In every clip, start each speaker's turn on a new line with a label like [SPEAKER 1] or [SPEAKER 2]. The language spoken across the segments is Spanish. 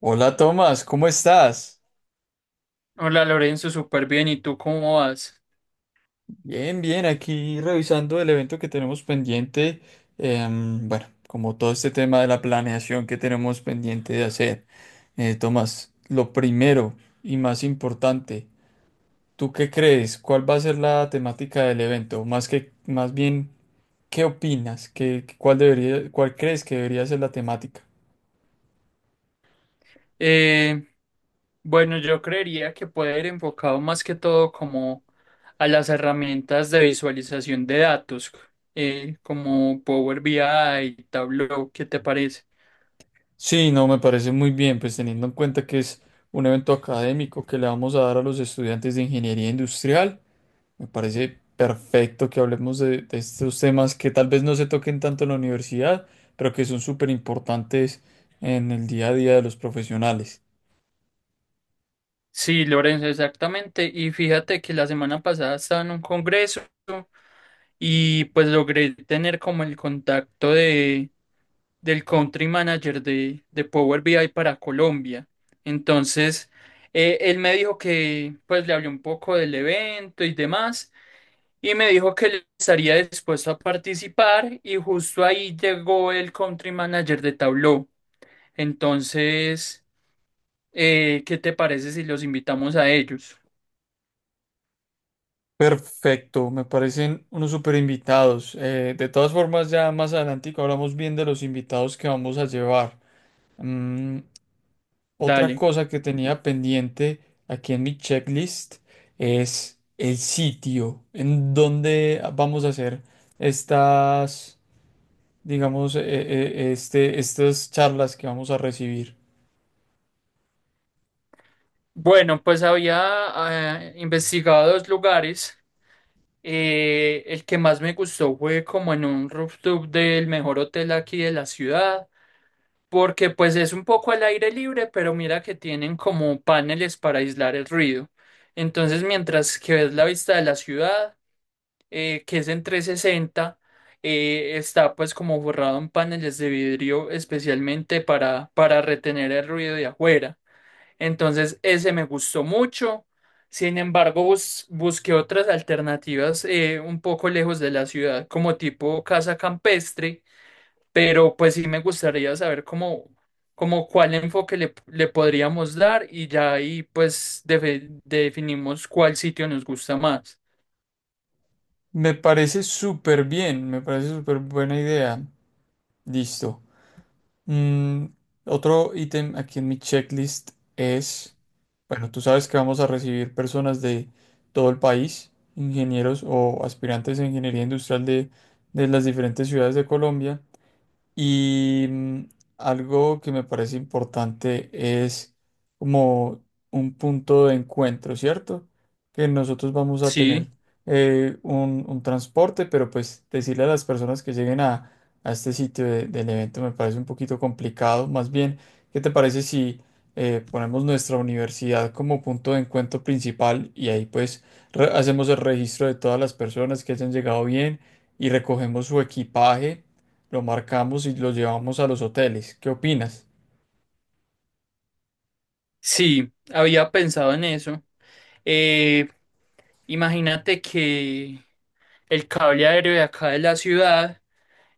[SPEAKER 1] Hola Tomás, ¿cómo estás?
[SPEAKER 2] Hola Lorenzo, súper bien. ¿Y tú cómo vas?
[SPEAKER 1] Bien, bien, aquí revisando el evento que tenemos pendiente. Bueno, como todo este tema de la planeación que tenemos pendiente de hacer. Tomás, lo primero y más importante, ¿tú qué crees? ¿Cuál va a ser la temática del evento? Más bien, ¿qué opinas? ¿Cuál debería, cuál crees que debería ser la temática?
[SPEAKER 2] Eh, bueno, yo creería que puede ir enfocado más que todo como a las herramientas de visualización de datos, como Power BI, Tableau, ¿qué te parece?
[SPEAKER 1] Sí, no, me parece muy bien, pues teniendo en cuenta que es un evento académico que le vamos a dar a los estudiantes de ingeniería industrial. Me parece perfecto que hablemos de estos temas que tal vez no se toquen tanto en la universidad, pero que son súper importantes en el día a día de los profesionales.
[SPEAKER 2] Sí, Lorenzo, exactamente. Y fíjate que la semana pasada estaba en un congreso y pues logré tener como el contacto de del country manager de Power BI para Colombia. Entonces, él me dijo que, pues le hablé un poco del evento y demás, y me dijo que él estaría dispuesto a participar, y justo ahí llegó el country manager de Tableau. Entonces, ¿qué te parece si los invitamos a ellos?
[SPEAKER 1] Perfecto, me parecen unos súper invitados. De todas formas, ya más adelante hablamos bien de los invitados que vamos a llevar. Mm, otra
[SPEAKER 2] Dale.
[SPEAKER 1] cosa que tenía pendiente aquí en mi checklist es el sitio en donde vamos a hacer estas digamos, estas charlas que vamos a recibir.
[SPEAKER 2] Bueno, pues había investigado dos lugares. El que más me gustó fue como en un rooftop del mejor hotel aquí de la ciudad, porque pues es un poco al aire libre, pero mira que tienen como paneles para aislar el ruido. Entonces, mientras que ves la vista de la ciudad, que es en 360, está pues como borrado en paneles de vidrio especialmente para retener el ruido de afuera. Entonces, ese me gustó mucho. Sin embargo, busqué otras alternativas un poco lejos de la ciudad, como tipo casa campestre, pero pues sí me gustaría saber cómo, cómo cuál enfoque le podríamos dar y ya ahí pues definimos cuál sitio nos gusta más.
[SPEAKER 1] Me parece súper bien, me parece súper buena idea. Listo. Mm, otro ítem aquí en mi checklist es, bueno, tú sabes que vamos a recibir personas de todo el país, ingenieros o aspirantes a ingeniería industrial de las diferentes ciudades de Colombia. Y mm, algo que me parece importante es como un punto de encuentro, ¿cierto? Que nosotros vamos a
[SPEAKER 2] Sí,
[SPEAKER 1] tener un transporte, pero pues decirle a las personas que lleguen a este del evento me parece un poquito complicado. Más bien, ¿qué te parece si ponemos nuestra universidad como punto de encuentro principal y ahí pues hacemos el registro de todas las personas que hayan llegado bien y recogemos su equipaje? Lo marcamos y lo llevamos a los hoteles. ¿Qué opinas?
[SPEAKER 2] sí, había pensado en eso. Eh, Imagínate que el cable aéreo de acá de la ciudad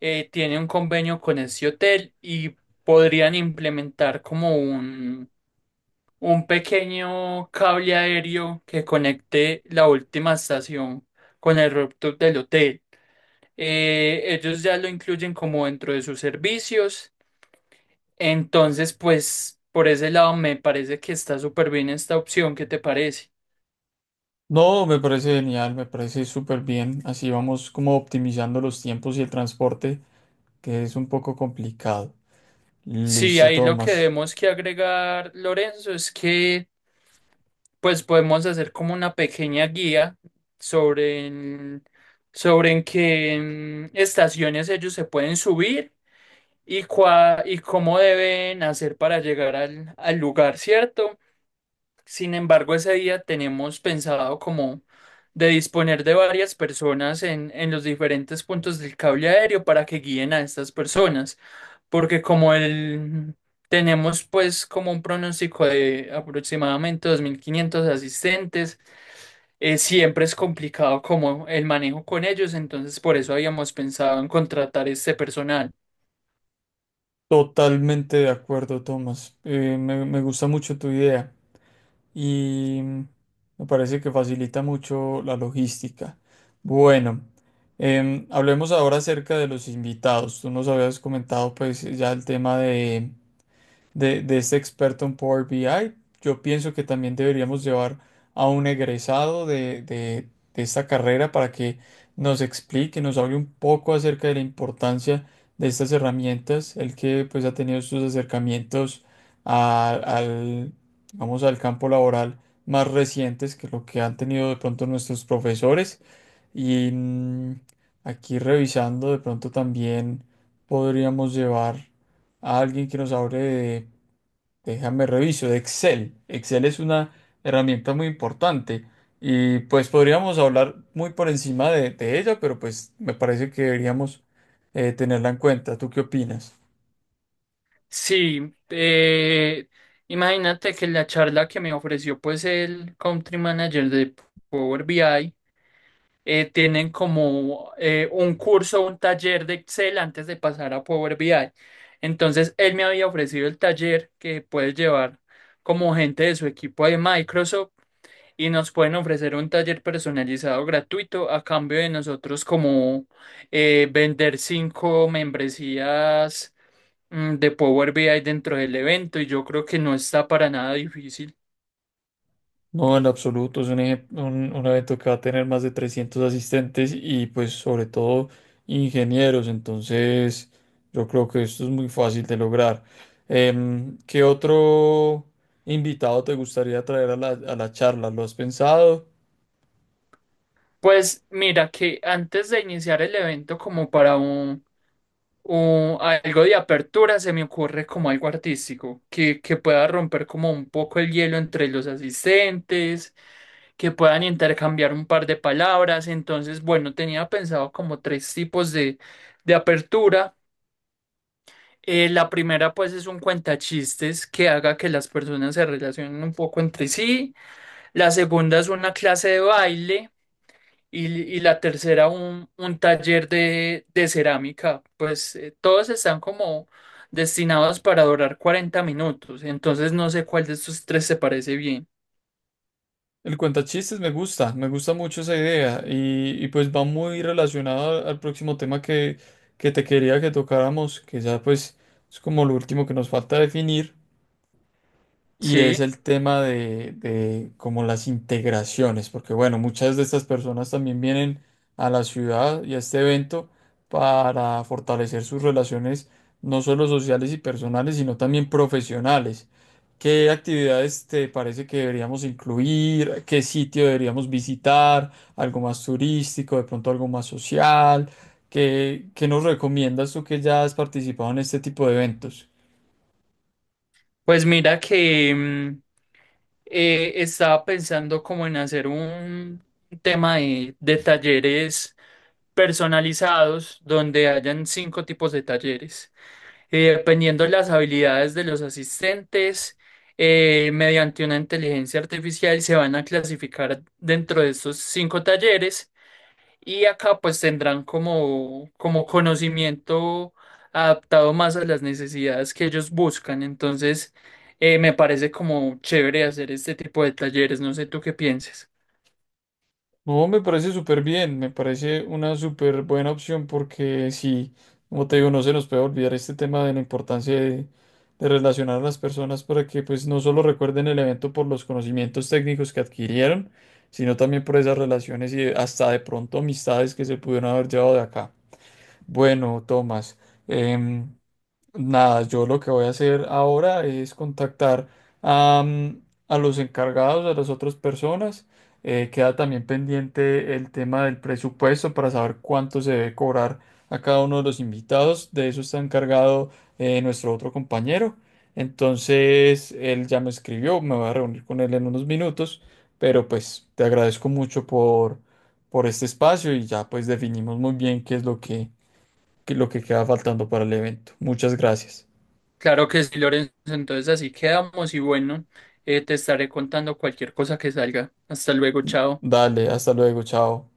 [SPEAKER 2] tiene un convenio con ese hotel y podrían implementar como un pequeño cable aéreo que conecte la última estación con el rooftop del hotel. Ellos ya lo incluyen como dentro de sus servicios. Entonces, pues por ese lado me parece que está súper bien esta opción. ¿Qué te parece?
[SPEAKER 1] No, me parece genial, me parece súper bien. Así vamos como optimizando los tiempos y el transporte, que es un poco complicado.
[SPEAKER 2] Sí,
[SPEAKER 1] Listo,
[SPEAKER 2] ahí lo que
[SPEAKER 1] Tomás.
[SPEAKER 2] debemos que agregar, Lorenzo, es que pues podemos hacer como una pequeña guía sobre, en- sobre en qué estaciones ellos se pueden subir y, y cómo deben hacer para llegar al lugar, ¿cierto? Sin embargo, ese día tenemos pensado como de disponer de varias personas en los diferentes puntos del cable aéreo para que guíen a estas personas, porque como tenemos pues como un pronóstico de aproximadamente 2500 asistentes, siempre es complicado como el manejo con ellos, entonces por eso habíamos pensado en contratar este personal.
[SPEAKER 1] Totalmente de acuerdo, Tomás. Me gusta mucho tu idea y mm, me parece que facilita mucho la logística. Bueno, hablemos ahora acerca de los invitados. Tú nos habías comentado pues ya el tema de este experto en Power BI. Yo pienso que también deberíamos llevar a un egresado de esta carrera para que nos explique, nos hable un poco acerca de la importancia de estas herramientas, el que pues ha tenido sus acercamientos al, digamos, al campo laboral más recientes que lo que han tenido de pronto nuestros profesores. Y mm, aquí revisando, de pronto también podríamos llevar a alguien que nos hable de Déjame reviso. Excel. Excel es una herramienta muy importante y pues podríamos hablar muy por encima de ella, pero pues me parece que deberíamos tenerla en cuenta. ¿Tú qué opinas?
[SPEAKER 2] Sí, imagínate que la charla que me ofreció pues el Country Manager de Power BI tienen como un curso, un taller de Excel antes de pasar a Power BI. Entonces él me había ofrecido el taller que puedes llevar como gente de su equipo de Microsoft y nos pueden ofrecer un taller personalizado gratuito a cambio de nosotros como vender cinco membresías de Power BI dentro del evento y yo creo que no está para nada difícil.
[SPEAKER 1] No, en absoluto. Es un evento que va a tener más de 300 asistentes y pues sobre todo ingenieros. Entonces yo creo que esto es muy fácil de lograr. Em, ¿qué otro invitado te gustaría traer a la charla? ¿Lo has pensado?
[SPEAKER 2] Pues mira que antes de iniciar el evento como para algo de apertura se me ocurre como algo artístico que pueda romper como un poco el hielo entre los asistentes, que puedan intercambiar un par de palabras. Entonces, bueno, tenía pensado como tres tipos de apertura. La primera pues es un cuentachistes que haga que las personas se relacionen un poco entre sí. La segunda es una clase de baile y, y la tercera un taller de cerámica. Pues todos están como destinados para durar 40 minutos, entonces no sé cuál de estos tres se parece bien.
[SPEAKER 1] El cuentachistes me gusta mucho esa idea y pues va muy relacionado al próximo tema que te quería que tocáramos, que ya pues es como lo último que nos falta definir y es
[SPEAKER 2] Sí,
[SPEAKER 1] el tema de como las integraciones, porque bueno, muchas de estas personas también vienen a la ciudad y a este evento para fortalecer sus relaciones no solo sociales y personales, sino también profesionales. ¿Qué actividades te parece que deberíamos incluir? ¿Qué sitio deberíamos visitar? ¿Algo más turístico? ¿De pronto algo más social? ¿Qué nos recomiendas tú que ya has participado en este tipo de eventos?
[SPEAKER 2] pues mira que estaba pensando como en hacer un tema de talleres personalizados donde hayan cinco tipos de talleres. Dependiendo las habilidades de los asistentes, mediante una inteligencia artificial se van a clasificar dentro de estos cinco talleres y acá pues tendrán como conocimiento adaptado más a las necesidades que ellos buscan. Entonces, me parece como chévere hacer este tipo de talleres. No sé tú qué pienses.
[SPEAKER 1] No, me parece súper bien, me parece una súper buena opción porque si, como te digo, no se nos puede olvidar este tema de la importancia de relacionar a las personas para que pues no solo recuerden el evento por los conocimientos técnicos que adquirieron, sino también por esas relaciones y hasta de pronto amistades que se pudieron haber llevado de acá. Bueno, Tomás, em, nada, yo lo que voy a hacer ahora es contactar a, mm, a los encargados, a las otras personas. Queda también pendiente el tema del presupuesto para saber cuánto se debe cobrar a cada uno de los invitados. De eso está encargado nuestro otro compañero. Entonces, él ya me escribió, me voy a reunir con él en unos minutos, pero pues te agradezco mucho por este espacio y ya pues definimos muy bien qué es lo qué es lo que queda faltando para el evento. Muchas gracias.
[SPEAKER 2] Claro que sí, Lorenzo. Entonces así quedamos y bueno, te estaré contando cualquier cosa que salga. Hasta luego, chao.
[SPEAKER 1] Dale, hasta luego, chao.